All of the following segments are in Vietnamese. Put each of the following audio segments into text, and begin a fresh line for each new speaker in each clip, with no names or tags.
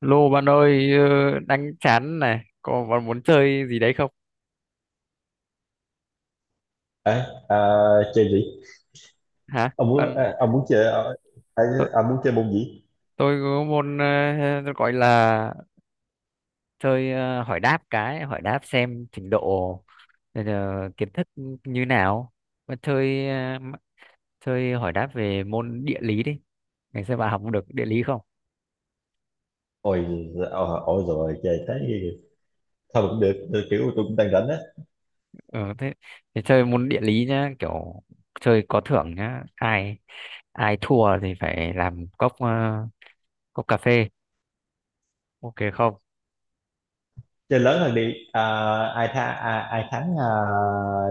Lô bạn ơi, đang chán này, có bạn muốn chơi gì đấy không?
Ê, à, chơi gì?
Hả?
Ông muốn à, ông muốn chơi à, à,
Tôi,
ông muốn chơi môn gì?
tôi có môn gọi là chơi hỏi đáp hỏi đáp xem trình độ ờ, kiến thức như nào. Bạn chơi chơi hỏi đáp về môn địa lý đi. Ngày xưa bạn học được địa lý không?
Ôi, ờ, ôi rồi chơi tới thôi cũng được, được, kiểu tôi cũng đang rảnh á.
Ờ thế, thế chơi môn địa lý nhá, kiểu chơi có thưởng nhá. Ai ai thua thì phải làm cốc cốc cà phê. Ok không?
Chơi lớn hơn đi. À, ai thắng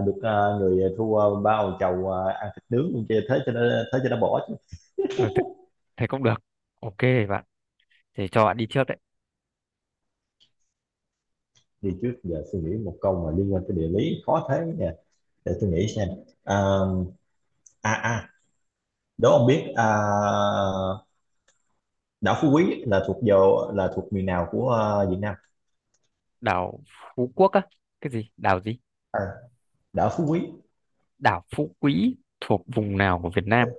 được người thua bao chầu ăn thịt nướng luôn chơi thế cho nó bỏ chứ.
Ừ, thế cũng được, ok, bạn thì cho bạn đi trước đấy.
Đi trước giờ suy nghĩ một câu mà liên quan tới địa lý khó thế nè. Để tôi nghĩ xem. À, à, đố ông biết đảo Phú Quý là thuộc miền nào của Việt Nam?
Đảo Phú Quốc á? Cái gì đảo gì?
Đảo Phú Quý.
Đảo Phú Quý thuộc vùng nào của Việt
Ừ.
Nam?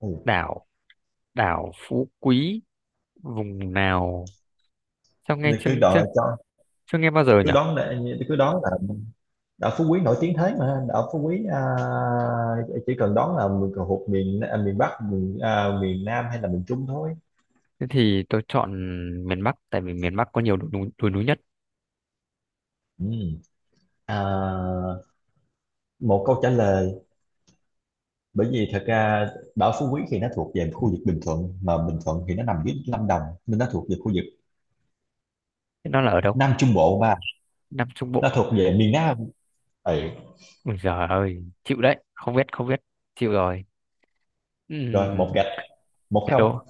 Ừ.
Đảo, đảo Phú Quý vùng nào? Sao nghe
Thì
chưa
cứ
chưa
đợi cho
chưa nghe bao giờ
cứ
nhỉ?
đón để, cứ đón là đảo Phú Quý nổi tiếng thế mà đảo Phú Quý, chỉ cần đón là mình thuộc miền, Bắc, miền Nam hay là miền Trung thôi.
Thế thì tôi chọn miền Bắc tại vì miền Bắc có nhiều đồi núi nhất.
Ừ. à, một câu trả lời, bởi vì thật ra đảo Phú Quý thì nó thuộc về khu vực Bình Thuận, mà Bình Thuận thì nó nằm dưới Lâm Đồng, nên nó thuộc về khu vực
Thế nó là ở đâu?
Nam Trung Bộ, mà
Nam Trung Bộ?
nó thuộc về miền Nam. Ừ.
Ôi giời ơi chịu đấy, không biết chịu rồi.
Rồi, một
Ừm,
gạch, một
Thế
không.
đố,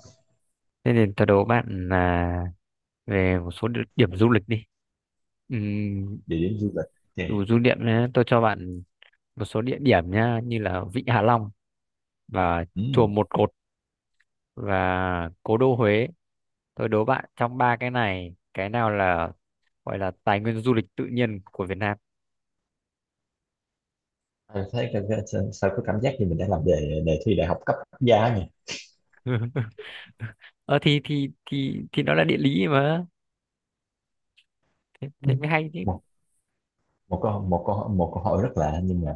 thế nên tôi đố bạn là về một số địa điểm du lịch đi.
Địa điểm du lịch thì
Đủ du niệm nhé, tôi cho bạn một số địa điểm nhá, như là Vịnh Hạ Long và chùa
ừ.
Một Cột và Cố đô Huế. Tôi đố bạn trong ba cái này cái nào là gọi là tài nguyên du lịch tự nhiên của Việt Nam.
Anh thấy sao sao có cảm giác như mình đã làm đề đề thi đại học cấp quốc gia nhỉ?
Ờ thì nó là địa lý mà, thế,
Ừ.
thế mới hay chứ.
Một một câu một câu hỏi rất lạ, nhưng mà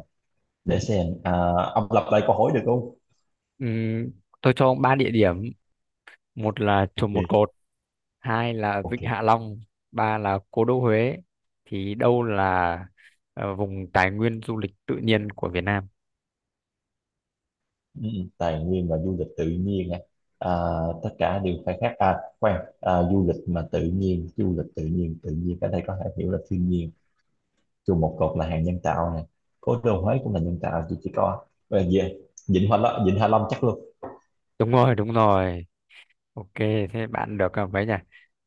để xem, ông lặp lại câu hỏi được không?
Ừm, tôi cho ông ba địa điểm: một là chùa Một
Ok.
Cột, hai là
Ok.
Vịnh Hạ Long, ba là Cố đô Huế, thì đâu là vùng tài nguyên du lịch tự nhiên của Việt Nam?
Ừ, ừ. Tài nguyên và du lịch tự nhiên á. à, tất cả đều khai thác du lịch mà tự nhiên, du lịch tự nhiên, tự nhiên ở đây có thể hiểu là thiên nhiên. Chung một cột là hàng nhân tạo này, cố đô Huế cũng là nhân tạo, chỉ có về Vịnh Hạ Long. Vịnh Hạ Long chắc luôn.
Đúng rồi, đúng rồi. Ok, thế bạn được à, mấy nhỉ?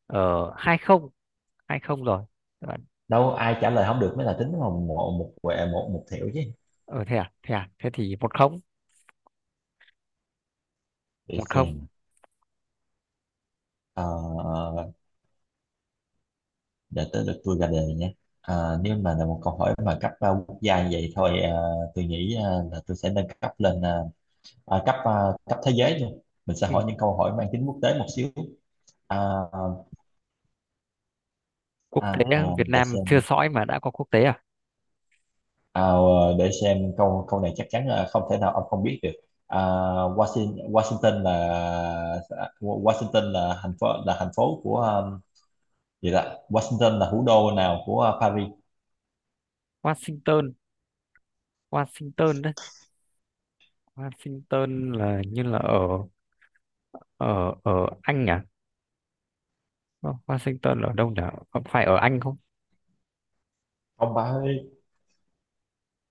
Ờ, hai không, hai không rồi. Các Bạn,
Đâu ai trả lời không được mới là tính một một một quẹ một, một thẻo chứ.
ờ thế thì một không,
Để
một không.
xem. Ờ, để tới lượt tôi ra đề nhé. Ờ, nếu mà là một câu hỏi mà cấp quốc gia như vậy thôi, tôi nghĩ là tôi sẽ nâng cấp lên, cấp, cấp thế giới luôn. Mình sẽ
Ừ.
hỏi những câu hỏi mang tính quốc tế một xíu. à,
Quốc
à,
tế
à,
á, Việt
để
Nam chưa
xem.
sõi mà đã có quốc tế à?
À, để xem câu câu này chắc chắn là không thể nào ông không biết được. À, Washington là, Washington là thành phố của, gì đó. Washington là thủ đô nào của, Paris?
Washington, Washington đấy. Washington là như là ở ở ở Anh à? Wa- Washington ở đâu nhỉ? Có phải ở Anh không?
Ông ba ơi,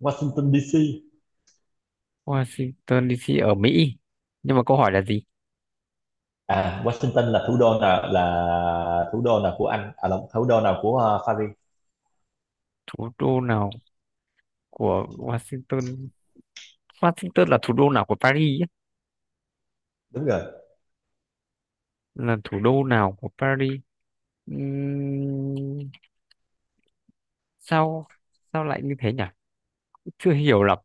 Washington DC.
Washington DC ở Mỹ. Nhưng mà câu hỏi là gì?
Washington là thủ đô nào, của Anh, à là thủ đô nào của, Paris?
Thủ đô nào của Washington? Washington là thủ đô nào của Paris?
Đúng rồi.
Là thủ đô nào của Paris? Ừm, sao sao lại như thế nhỉ, chưa hiểu lắm.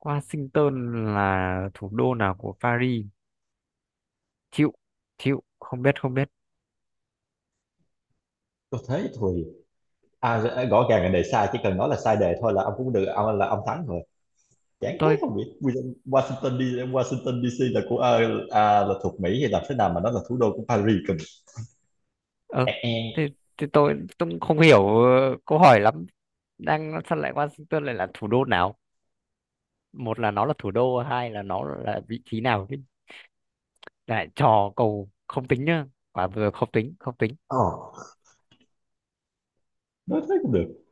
Washington là thủ đô nào của Paris? Chịu, chịu không biết, không biết.
Có thế thôi. À, rõ ràng là đề sai, chỉ cần nói là sai đề thôi là ông cũng được, ông thắng rồi. Chán thế
tôi
không biết. Washington Washington đi Washington DC là của, là thuộc Mỹ hay làm thế nào mà nó là thủ đô của Paris cần.
ờ
E
thế,
e.
thế tôi cũng không hiểu câu hỏi lắm. Đang sao lại Washington lại là thủ đô nào, một là nó là thủ đô hai là nó là vị trí nào chứ. Lại trò cầu không tính nhá, quả vừa không tính, không tính.
Ờ, nói thế cũng được.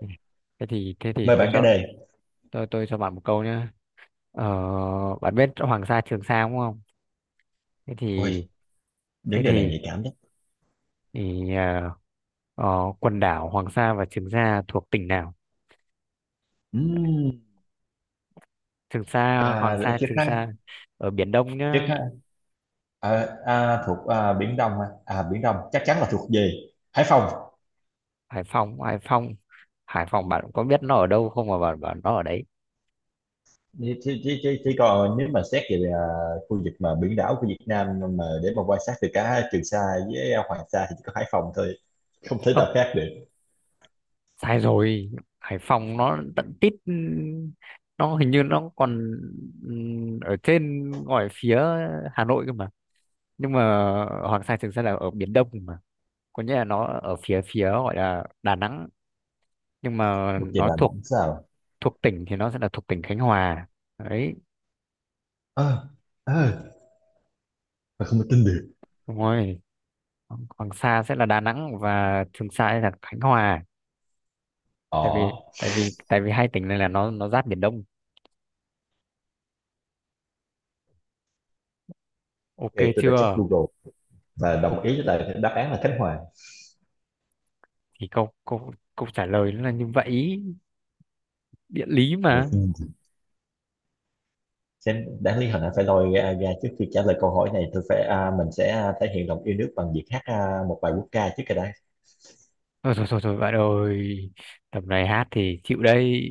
Ừ. Thế thì
Mời
tôi
bạn cái
cho,
đề.
tôi cho bạn một câu nhé. Ờ, bạn biết Hoàng Sa Trường Sa đúng không? Thế
Ôi,
thì thế
những đề này
thì,
nhạy cảm đấy.
thì ờ, ờ, quần đảo Hoàng Sa và Trường Sa thuộc tỉnh nào?
Ừm,
Trường Sa, Hoàng
à để
Sa,
chiếc
Trường
khăn,
Sa ở Biển Đông
chiếc
nhá.
khăn. Ờ, thuộc, Biển Đông hả? À, Biển Đông chắc chắn là thuộc về Hải Phòng.
Hải Phòng, Hải Phòng, Hải Phòng bạn có biết nó ở đâu không mà bạn bảo nó ở đấy?
Chỉ còn nếu mà xét về, khu vực mà biển đảo của Việt Nam, mà để mà quan sát từ cả Trường Sa với, Hoàng Sa, thì chỉ có Hải Phòng thôi, không thể
Ơ,
nào khác được.
sai rồi. Hải Phòng nó tận tít, nó hình như nó còn ở trên ngoài phía Hà Nội cơ mà. Nhưng mà Hoàng Sa Trường Sa là ở Biển Đông mà. Có nghĩa là nó ở phía phía gọi là Đà Nẵng, nhưng mà
Thuộc về
nó
Đà
thuộc,
Nẵng sao?
thuộc tỉnh thì nó sẽ là thuộc tỉnh Khánh Hòa, đấy, đúng rồi. Hoàng Hoàng Sa sẽ là Đà Nẵng và Trường Sa sẽ là Khánh Hòa.
Ờ,
tại vì
ok.
tại vì tại vì hai tỉnh này là nó giáp biển Đông, ok
Tôi đã check
chưa?
Google và
Ok,
đồng ý với lại đáp án là Khánh Hòa.
thì câu câu câu trả lời nó là như vậy, địa lý
Ui,
mà.
xem đáng lý hồi nãy phải lôi ra, ra trước khi trả lời câu hỏi này tôi phải, mình sẽ, thể hiện lòng yêu nước bằng việc hát, một bài quốc ca trước cái đã.
Thôi bạn ơi, tầm này hát thì chịu đây.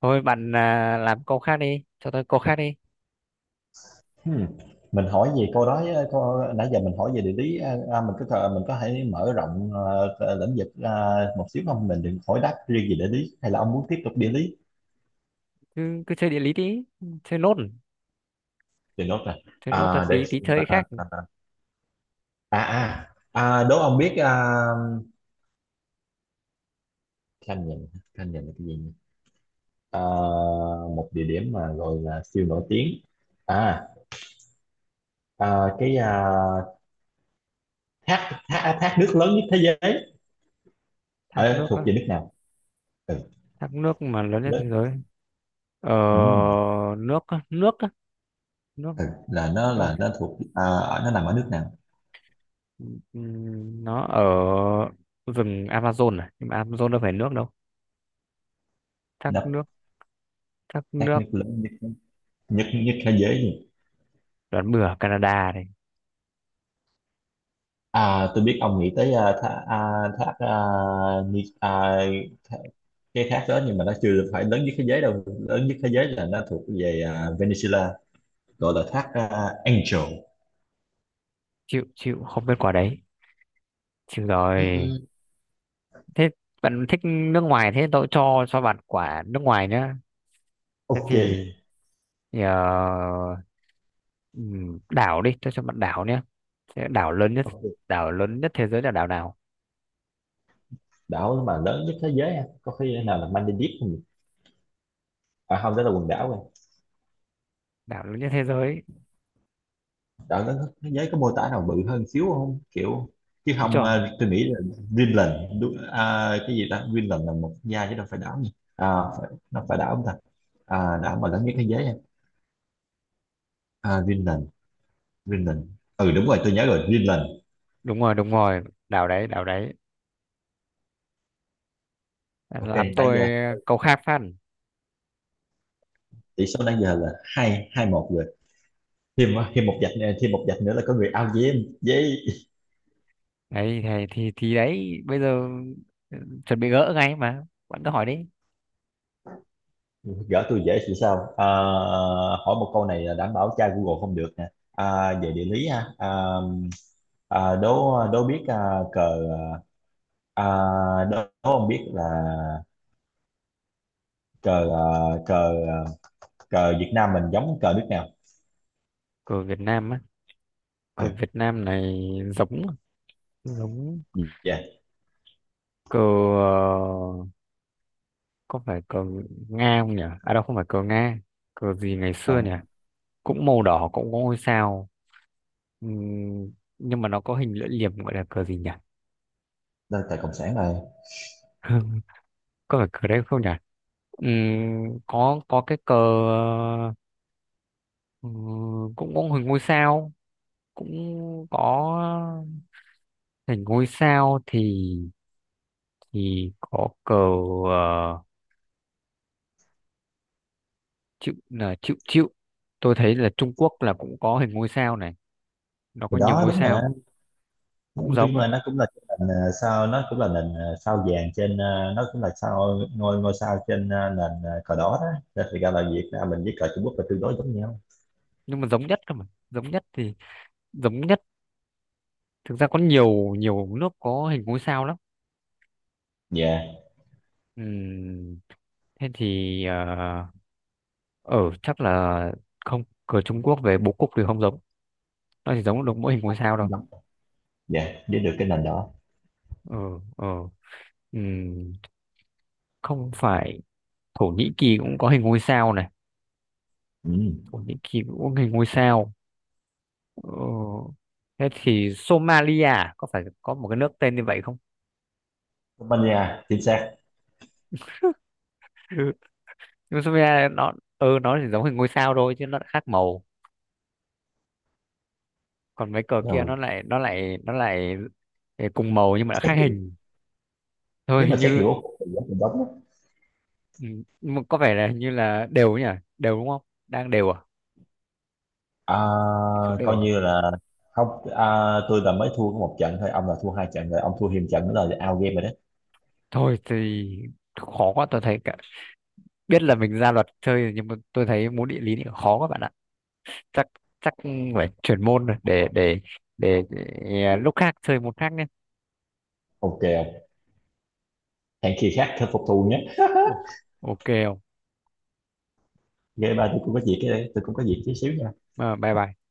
Thôi bạn à, làm câu khác đi, cho tôi câu khác đi.
Ừm, Mình hỏi về câu đó á, câu, nãy giờ mình hỏi về địa lý, mình có thể mở rộng, lĩnh vực, một xíu không, mình đừng hỏi đáp riêng về địa lý, hay là ông muốn tiếp tục địa lý
Cứ cứ chơi địa lý đi, chơi nốt.
thì nốt là,
Thế nốt là
à, để
tí tí
xem, à,
chơi khác.
à, à, à, à, đố ông biết, Khanh nhìn, Khanh nhìn là cái gì nhỉ? À, một địa điểm mà gọi là siêu nổi tiếng, à, à cái à, thác, thác thác nước lớn nhất thế giới.
Thác
Ờ,
nước
thuộc
á?
về nước nào? Ừ,
Thác nước mà lớn nhất thế
lớn.
giới? Ờ,
Ừ.
nước á, nước á, nước.
Ừ,
ờ,
là nó thuộc, ở- nó nằm ở nước nào?
nó ở rừng Amazon à, nhưng mà Amazon đâu phải nước đâu. Thác
Nó,
nước, thác
các
nước,
nước lớn nhất, nhất thế giới gì?
đoán bừa Canada này.
À, tôi biết ông nghĩ tới, thác à, Ni- thác- cái thác đó, nhưng mà nó chưa phải lớn nhất thế giới đâu, lớn nhất thế giới là nó thuộc về, Venezuela, gọi là thác, Angel.
Chịu, chịu không biết quả đấy, chịu
Ừ,
rồi.
ừ.
Thế bạn thích nước ngoài, thế tôi cho bạn quả nước ngoài nhá. Thế
Ok.
thì ờ, đảo đi, cho bạn đảo nhé. Thế đảo lớn nhất,
Ok.
đảo lớn nhất thế giới là đảo nào?
Đảo mà lớn nhất thế giới ha, có khi
Ừ,
nào là Maldives không nhỉ? À không, đó là quần đảo.
đảo lớn nhất thế giới,
Đảo đó có- thế giới có mô tả nào bự hơn xíu không, kiểu chứ
đúng
không,
chưa?
tôi nghĩ là Greenland. Đúng, à, cái gì ta, Greenland là một quốc gia chứ đâu phải đảo nhỉ, à phải, nó phải đảo không ta? À, đảo mà lớn nhất thế giới nha. À, Greenland. Greenland. Ừ đúng rồi, tôi nhớ rồi, Greenland.
Đúng rồi, đúng rồi, đảo đấy, đảo đấy.
Ok,
Làm
nãy
tôi
giờ
câu khác phát.
tỷ số nãy giờ là 2-2-1 rồi. Thêm thêm một vạch nữa- thêm một vạch nữa là có người out với em với.
Đấy thì, thì đấy bây giờ, ừ, chuẩn bị gỡ ngay mà, bạn cứ hỏi đi.
Gỡ tôi dễ thì sao, hỏi một câu này là đảm bảo tra Google không được nè, về địa lý ha, đố đố biết, à, cờ à, đố đố không biết là, cờ à, cờ à, cờ Việt Nam mình giống cờ nước nào?
Cờ Việt Nam á? Cờ
à,
Việt Nam này giống, giống
dạ
cờ, có phải cờ Nga không nhỉ? À đâu không phải cờ Nga. Cờ gì ngày xưa nhỉ,
không,
cũng màu đỏ cũng có ngôi sao. Ừm, nhưng mà nó có hình lưỡi liềm, gọi là cờ gì nhỉ?
đó là cờ cộng sản rồi.
Có phải cờ đấy không nhỉ? Có cái cờ cũng có hình ngôi sao, cũng có hình ngôi sao thì có cờ ờ, chữ là chữ chữ. Tôi thấy là Trung Quốc là cũng có hình ngôi sao này, nó
Thì
có nhiều
đó
ngôi
đúng mà,
sao. Cũng
nhưng
giống
mà nó cũng là cái nền, sao, nó cũng là nền, sao vàng trên, nó cũng là sao ngôi ngôi sao trên, nền, cờ đỏ đó. Nên thì ra là Việt Nam mình với cờ Trung Quốc là tương đối giống nhau.
nhưng mà giống nhất cơ mà. Giống nhất thì giống nhất. Thực ra có nhiều nhiều nước có hình ngôi sao lắm.
Dạ
Ừm, thế thì ở chắc là không. Cờ Trung Quốc về bố cục thì không giống, nó chỉ giống được mỗi hình ngôi sao đâu.
đúng. Dạ, biết được cái nền đó.
Ừ, ừ. Ừm, không phải. Thổ Nhĩ Kỳ cũng có hình ngôi sao này,
Ừ.
Thổ Nhĩ Kỳ cũng có hình ngôi sao. Ừ. Thế thì Somalia à? Có phải có một cái nước tên như vậy không?
Tây Ban Nha chính xác
Nhưng Somalia nó, ừ, nó chỉ giống hình ngôi sao thôi chứ nó lại khác màu. Còn mấy cờ kia nó
rồi.
lại nó lại nó lại cùng màu nhưng mà đã
Xét
khác
nghiệm-
hình. Thôi
nếu mà
hình
xét
như,
hiểu thì giá thành đóng á.
ừ, nhưng mà có vẻ là hình như là đều nhỉ, đều đúng không? Đang đều à?
à,
Tỷ số đều
coi
à?
như là không, tôi là mới thua có một trận thôi, ông là thua hai trận rồi, ông thua thêm trận nữa là out game rồi đó.
Thôi thì khó quá, tôi thấy cả biết là mình ra luật chơi rồi, nhưng mà tôi thấy môn địa lý thì khó các bạn ạ. Chắc, chắc phải chuyển môn rồi để, à, lúc khác chơi môn khác nhé.
Ok ông, hẹn khi khác khắc phục thù nhé.
Ok, ok không?
Game ba tôi cũng có việc, tôi cũng có việc tí xíu nha.
À, bye bye.